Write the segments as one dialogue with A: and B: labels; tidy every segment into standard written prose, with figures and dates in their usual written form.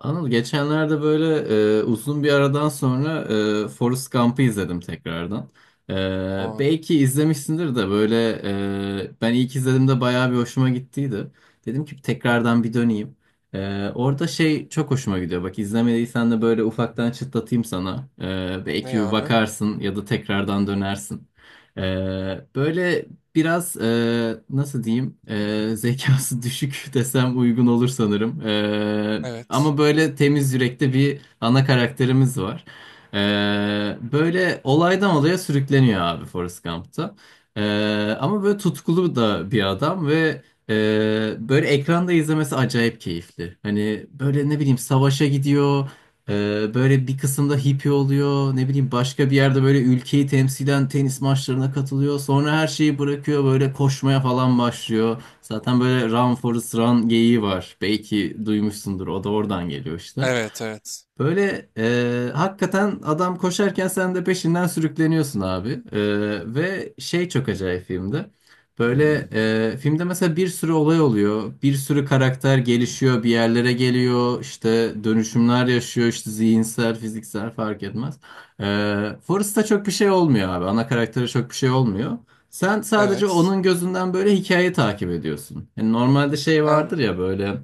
A: Anıl, geçenlerde böyle uzun bir aradan sonra Forrest Gump'ı izledim tekrardan. E,
B: O
A: belki izlemişsindir de böyle ben ilk izlediğimde bayağı bir hoşuma gittiydi. Dedim ki tekrardan bir döneyim. Orada şey çok hoşuma gidiyor. Bak, izlemediysen de böyle ufaktan çıtlatayım sana. Belki
B: ne
A: bir
B: abi?
A: bakarsın ya da tekrardan dönersin. E, böyle biraz, nasıl diyeyim, zekası düşük desem uygun olur sanırım. E,
B: Evet.
A: ama böyle temiz yürekli bir ana karakterimiz var. Böyle olaydan olaya sürükleniyor abi, Forrest Gump'ta. Ama böyle tutkulu da bir adam ve e, böyle ekranda izlemesi acayip keyifli. Hani böyle ne bileyim savaşa gidiyor. Böyle bir kısımda hippie oluyor. Ne bileyim, başka bir yerde böyle ülkeyi temsilen tenis maçlarına katılıyor. Sonra her şeyi bırakıyor, böyle koşmaya falan başlıyor. Zaten böyle run forest run geyiği var. Belki duymuşsundur. O da oradan geliyor işte.
B: Evet evet.
A: Böyle, hakikaten adam koşarken sen de peşinden sürükleniyorsun abi. Ve şey çok acayip filmde. Böyle, filmde mesela bir sürü olay oluyor. Bir sürü karakter gelişiyor, bir yerlere geliyor. İşte dönüşümler yaşıyor, işte zihinsel, fiziksel fark etmez. E, Forrest'ta çok bir şey olmuyor abi. Ana karaktere çok bir şey olmuyor. Sen sadece
B: Evet.
A: onun gözünden böyle hikayeyi takip ediyorsun. Yani normalde şey
B: Abi,
A: vardır ya böyle.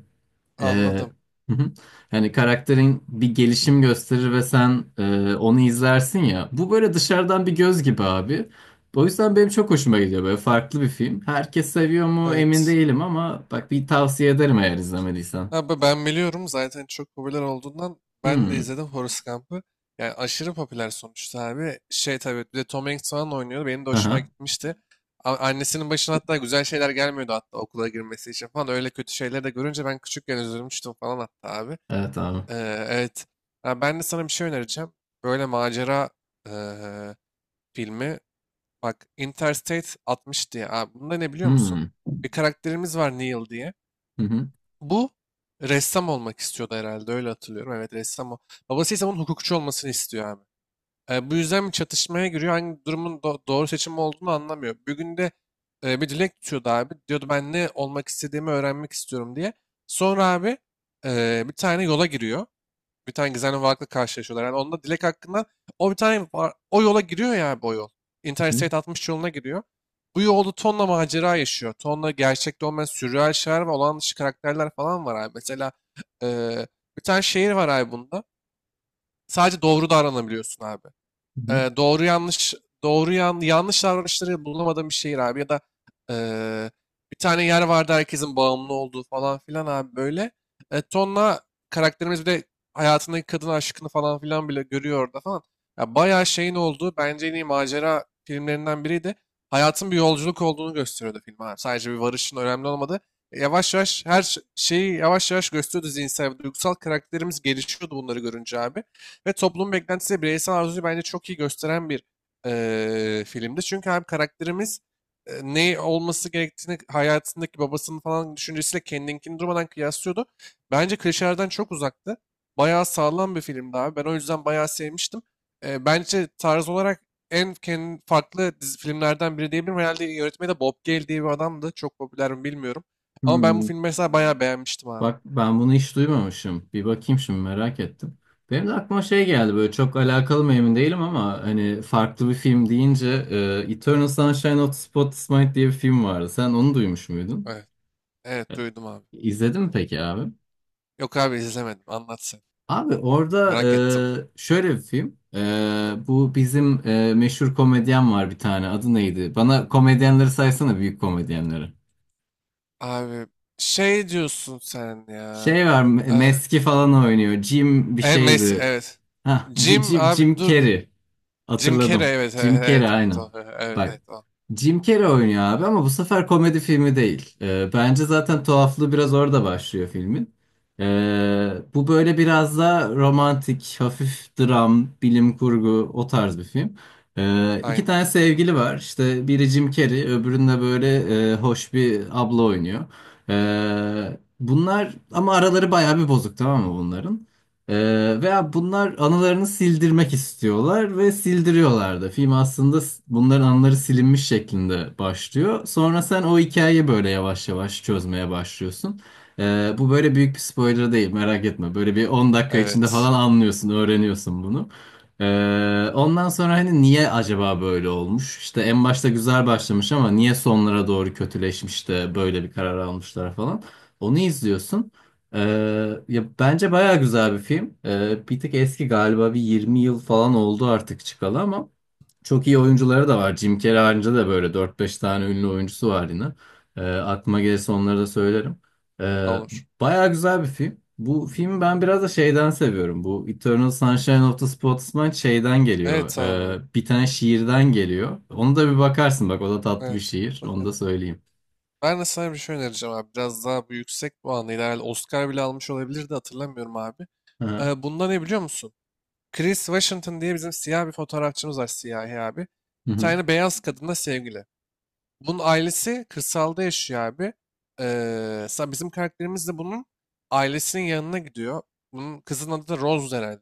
A: Ee,
B: anladım.
A: hı hı. Hani karakterin bir gelişim gösterir ve sen onu izlersin ya. Bu böyle dışarıdan bir göz gibi abi. O yüzden benim çok hoşuma gidiyor, böyle farklı bir film. Herkes seviyor mu emin
B: Evet.
A: değilim ama bak, bir tavsiye ederim eğer izlemediysen.
B: Abi ben biliyorum zaten çok popüler olduğundan ben de
A: Hmm.
B: izledim Forrest Gump'ı. Yani aşırı popüler sonuçta abi. Şey tabii bir de Tom Hanks falan oynuyordu. Benim de hoşuma
A: Aha.
B: gitmişti. Annesinin başına hatta güzel şeyler gelmiyordu hatta okula girmesi için falan. Öyle kötü şeyleri de görünce ben küçükken üzülmüştüm falan hatta abi.
A: Evet abi.
B: Evet. Ha, ben de sana bir şey önereceğim. Böyle macera ee, filmi. Bak Interstate 60 diye. Abi, bunda ne biliyor musun?
A: Hmm.
B: Bir karakterimiz var Neil diye.
A: Hı hı.
B: Bu ressam olmak istiyordu herhalde öyle hatırlıyorum. Evet ressam o. Babası ise bunun hukukçu olmasını istiyor abi. Bu yüzden bir çatışmaya giriyor. Hangi durumun doğru seçim olduğunu anlamıyor. Bir günde bir dilek tutuyordu abi. Diyordu ben ne olmak istediğimi öğrenmek istiyorum diye. Sonra abi bir tane yola giriyor. Bir tane gizemli varlıkla karşılaşıyorlar. Yani onda Dilek hakkında o bir tane o yola giriyor ya bu yol.
A: Hı hı.
B: Interstate 60 yoluna giriyor. Bu yolda tonla macera yaşıyor. Tonla gerçekte olmayan sürreal şeyler ve olağan dışı karakterler falan var abi. Mesela eee, bir tane şehir var abi bunda. Sadece doğru davranabiliyorsun abi.
A: Hı hı.
B: Doğru yanlış yanlış davranışları bulamadığım bir şehir abi ya da eee, bir tane yer vardı herkesin bağımlı olduğu falan filan abi böyle. Tonla karakterimiz bir de hayatındaki kadın aşkını falan filan bile görüyor orada falan. Ya bayağı şeyin olduğu bence en iyi macera filmlerinden biriydi. Hayatın bir yolculuk olduğunu gösteriyordu film abi. Sadece bir varışın önemli olmadı. Yavaş yavaş her şeyi yavaş yavaş gösteriyordu zihinsel ve duygusal, karakterimiz gelişiyordu bunları görünce abi. Ve toplum beklentisi bireysel arzuyu bence çok iyi gösteren bir filmdi. Çünkü hem karakterimiz ne olması gerektiğini hayatındaki babasının falan düşüncesiyle kendinkini durmadan kıyaslıyordu. Bence klişelerden çok uzaktı. Bayağı sağlam bir filmdi abi. Ben o yüzden bayağı sevmiştim. Bence tarz olarak en kendi farklı dizi, filmlerden biri diyebilirim. Herhalde yönetmeni de Bob Gale diye bir adamdı. Çok popüler mi bilmiyorum. Ama ben bu
A: Hmm.
B: filmi mesela bayağı beğenmiştim abi.
A: Bak, ben bunu hiç duymamışım. Bir bakayım, şimdi merak ettim. Benim de aklıma şey geldi. Böyle çok alakalı mı emin değilim ama hani farklı bir film deyince Eternal Sunshine of the Spotless Mind diye bir film vardı. Sen onu duymuş muydun?
B: Evet,
A: E,
B: evet duydum abi.
A: İzledin mi peki abi?
B: Yok abi izlemedim. Anlat sen.
A: Abi orada
B: Merak ettim.
A: şöyle bir film. Bu bizim meşhur komedyen var bir tane. Adı neydi? Bana komedyenleri saysana, büyük komedyenleri.
B: Abi şey diyorsun sen ya.
A: Şey var,
B: Eh,
A: Meski falan oynuyor. Jim bir
B: en mes
A: şeydi.
B: evet.
A: Ha,
B: Jim
A: Jim,
B: abi
A: Jim
B: dur.
A: Carrey.
B: Jim Carrey,
A: Hatırladım.
B: evet evet
A: Jim Carrey
B: evet evet
A: aynen.
B: o, evet
A: Bak,
B: evet o.
A: Jim Carrey oynuyor abi ama bu sefer komedi filmi değil. Bence zaten tuhaflığı biraz orada başlıyor filmin. Bu böyle biraz da romantik, hafif dram, bilim kurgu, o tarz bir film. İki
B: Aynen.
A: tane sevgili var. İşte biri Jim Carrey, öbüründe böyle hoş bir abla oynuyor. Bunlar ama araları bayağı bir bozuk, tamam mı bunların? Veya bunlar anılarını sildirmek istiyorlar ve sildiriyorlar da. Film aslında bunların anıları silinmiş şeklinde başlıyor. Sonra sen o hikayeyi böyle yavaş yavaş çözmeye başlıyorsun. Bu böyle büyük bir spoiler değil, merak etme. Böyle bir 10 dakika içinde falan
B: Evet.
A: anlıyorsun, öğreniyorsun bunu. Ondan sonra hani niye acaba böyle olmuş? İşte en başta güzel başlamış ama niye sonlara doğru kötüleşmiş de böyle bir karar almışlar falan. Onu izliyorsun. Ee, ya bence baya güzel bir film. Bir tık eski, galiba bir 20 yıl falan oldu artık çıkalı ama çok iyi oyuncuları da var. Jim Carrey haricinde de böyle dört beş tane ünlü oyuncusu var yine. Aklıma gelirse onları da söylerim. Ee,
B: Olur.
A: baya güzel bir film. Bu filmi ben biraz da şeyden seviyorum. Bu Eternal Sunshine of the Spotless Mind şeyden geliyor.
B: Evet abi.
A: Bir tane şiirden geliyor. Onu da bir bakarsın, bak o da tatlı bir
B: Evet.
A: şiir. Onu da
B: Bakın.
A: söyleyeyim.
B: Ben de sana bir şey önereceğim abi. Biraz daha bu yüksek puanlıydı. Herhalde Oscar bile almış olabilirdi, hatırlamıyorum abi.
A: Hı hı.
B: Eh, bunda ne biliyor musun? Chris Washington diye bizim siyah bir fotoğrafçımız var, siyahi abi. Bir
A: Hı hı.
B: tane beyaz kadınla sevgili. Bunun ailesi kırsalda yaşıyor abi. Ee, Bizim karakterimiz de bunun ailesinin yanına gidiyor. Bunun kızın adı da Rose herhalde.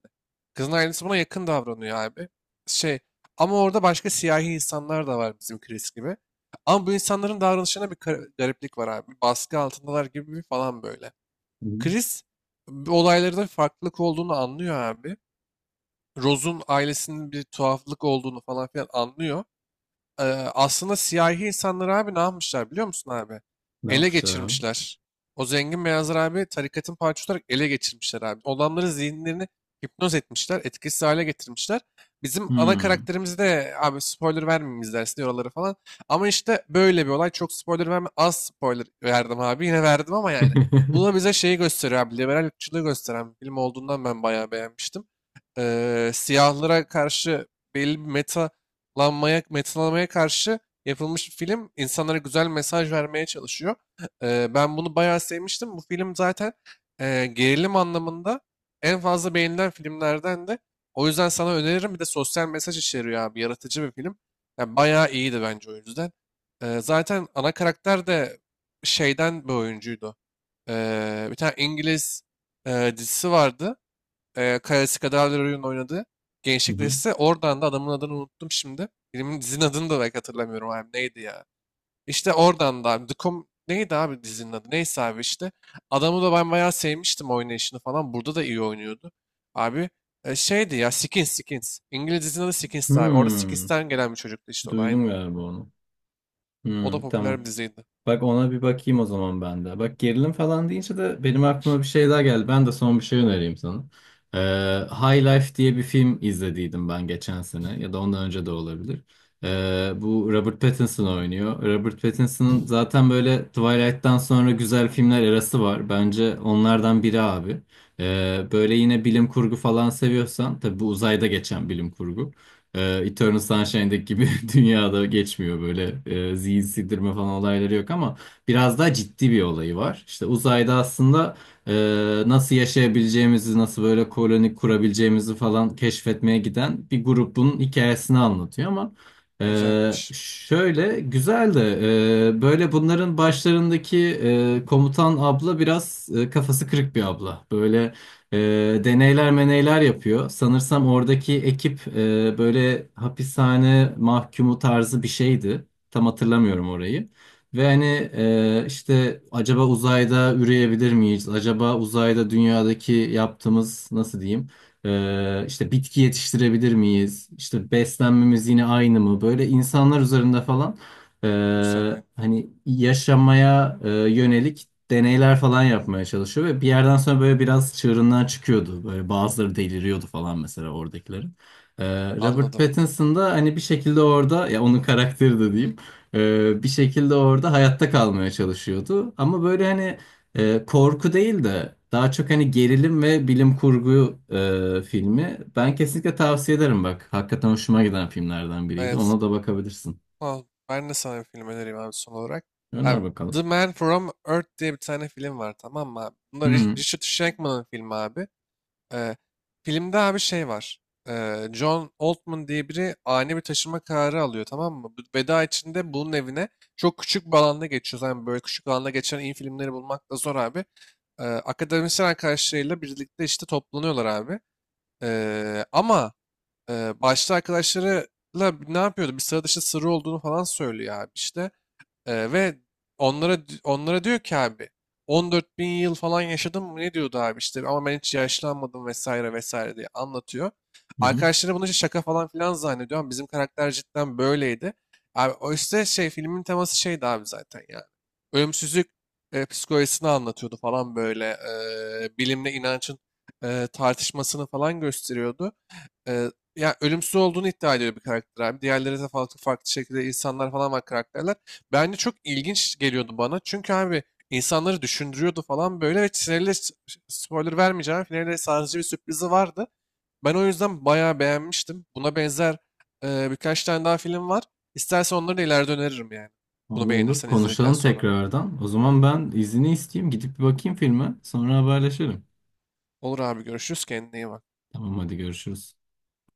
B: Kızın ailesi buna yakın davranıyor abi. Şey, ama orada başka siyahi insanlar da var bizim Chris gibi. Ama bu insanların davranışına bir gariplik var abi. Baskı altındalar gibi bir falan böyle.
A: Hı hı.
B: Chris bu olaylarda bir farklılık olduğunu anlıyor abi. Rose'un ailesinin bir tuhaflık olduğunu falan filan anlıyor. Ee, Aslında siyahi insanlar abi, ne yapmışlar biliyor musun abi?
A: Ne
B: Ele
A: yapmışlar abi?
B: geçirmişler. O zengin beyazlar abi tarikatın parçası olarak ele geçirmişler abi. Olanların zihinlerini hipnoz etmişler, etkisiz hale getirmişler. Bizim ana
A: Hmm.
B: karakterimiz de abi, spoiler vermeyeyim, izlersin oraları falan. Ama işte böyle bir olay. Çok spoiler verme. Az spoiler verdim abi. Yine verdim ama yani. Bu da
A: Hı
B: bize şeyi gösteriyor abi. Liberal ırkçılığı gösteren bir film olduğundan ben bayağı beğenmiştim. Siyahlara karşı belli bir meta lanmaya, metinlemeye karşı yapılmış bir film. İnsanlara güzel mesaj vermeye çalışıyor. Ben bunu bayağı sevmiştim. Bu film zaten gerilim anlamında en fazla beğenilen filmlerden de. O yüzden sana öneririm. Bir de sosyal mesaj içeriyor abi. Yaratıcı bir film. Yani bayağı iyiydi bence o yüzden. Zaten ana karakter de şeyden bir oyuncuydu. Bir tane İngiliz dizisi vardı. Karasi oyun oynadı. Gençlik
A: hı.
B: dizisi. Oradan da adamın adını unuttum şimdi. Filmin dizinin adını da belki hatırlamıyorum abi. Neydi ya? İşte oradan da abi. Neydi abi dizinin adı? Neyse abi işte. Adamı da ben bayağı sevmiştim, oynayışını falan. Burada da iyi oynuyordu. Abi şeydi ya, Skins. İngiliz dizinin adı Skins'ti abi. Orada
A: Hmm,
B: Skins'ten gelen bir çocuktu işte, o da aynı.
A: duydum galiba onu.
B: O da
A: Hmm,
B: popüler
A: tamam.
B: bir diziydi.
A: Bak, ona bir bakayım o zaman ben de. Bak, gerilim falan deyince de benim aklıma bir şey daha geldi. Ben de son bir şey önereyim sana. Ee, High Life diye bir film izlediydim ben, geçen sene ya da ondan önce de olabilir. Bu Robert Pattinson oynuyor. Robert Pattinson'ın zaten böyle Twilight'tan sonra güzel filmler arası var. Bence onlardan biri abi. Böyle yine bilim kurgu falan seviyorsan tabii, bu uzayda geçen bilim kurgu. Eternal Sunshine'daki gibi dünyada geçmiyor, böyle zihin sildirme falan olayları yok ama biraz daha ciddi bir olayı var. İşte uzayda aslında e, nasıl yaşayabileceğimizi, nasıl böyle koloni kurabileceğimizi falan keşfetmeye giden bir grubun hikayesini anlatıyor ama e,
B: Güzelmiş.
A: şöyle güzel de, böyle bunların başlarındaki komutan abla biraz kafası kırık bir abla. Böyle e, deneyler meneyler yapıyor. Sanırsam oradaki ekip böyle hapishane mahkumu tarzı bir şeydi. Tam hatırlamıyorum orayı. Ve hani, işte acaba uzayda üreyebilir miyiz? Acaba uzayda dünyadaki yaptığımız, nasıl diyeyim? E, işte bitki yetiştirebilir miyiz? İşte beslenmemiz yine aynı mı? Böyle insanlar üzerinde falan, e,
B: Güzel aynı.
A: hani yaşamaya yönelik deneyler falan yapmaya çalışıyor ve bir yerden sonra böyle biraz çığırından çıkıyordu. Böyle bazıları deliriyordu falan mesela, oradakilerin. Robert
B: Anladım.
A: Pattinson da hani bir şekilde orada, ya onun karakteri de diyeyim, bir şekilde orada hayatta kalmaya çalışıyordu. Ama böyle hani korku değil de daha çok hani gerilim ve bilim kurgu filmi. Ben kesinlikle tavsiye ederim bak. Hakikaten hoşuma giden filmlerden biriydi.
B: Evet.
A: Ona da bakabilirsin.
B: Ha, ben de sana bir film önereyim abi son olarak.
A: Öner
B: Abi, The
A: bakalım.
B: Man From Earth diye bir tane film var tamam mı abi?
A: Hı
B: Bunda
A: hı.
B: Richard Shankman'ın filmi abi. Ee, Filmde abi şey var. John Altman diye biri ani bir taşıma kararı alıyor tamam mı? Bu Veda içinde bunun evine, çok küçük bir alanda geçiyor. Yani böyle küçük alanda geçen iyi filmleri bulmak da zor abi. Akademisyen arkadaşlarıyla birlikte işte toplanıyorlar abi. Ama... Başta arkadaşlarıyla ne yapıyordu? Bir sıra dışı sırrı olduğunu falan söylüyor abi işte. Ve onlara diyor ki abi, 14 bin yıl falan yaşadım mı ne diyordu abi işte, ama ben hiç yaşlanmadım vesaire vesaire diye anlatıyor.
A: Hı hı.
B: Arkadaşları bunu işte şaka falan filan zannediyor ama bizim karakter cidden böyleydi. Abi o işte şey, filmin teması şeydi abi zaten yani. Ölümsüzlük psikolojisini anlatıyordu falan böyle. Bilimle inancın tartışmasını falan gösteriyordu. Ee, Ya ölümsüz olduğunu iddia ediyor bir karakter abi. Diğerleri de farklı farklı şekilde insanlar falan var, karakterler. Bence çok ilginç geliyordu bana. Çünkü abi insanları düşündürüyordu falan böyle ve finalde spoiler vermeyeceğim. Finalde sadece bir sürprizi vardı. Ben o yüzden bayağı beğenmiştim. Buna benzer birkaç tane daha film var. İstersen onları da ileride öneririm yani.
A: Abi
B: Bunu
A: olur,
B: beğenirsen izledikten
A: konuşalım
B: sonra.
A: tekrardan. O zaman ben izni isteyeyim. Gidip bir bakayım filme. Sonra haberleşelim.
B: Olur abi, görüşürüz. Kendine iyi bak.
A: Tamam, hadi görüşürüz.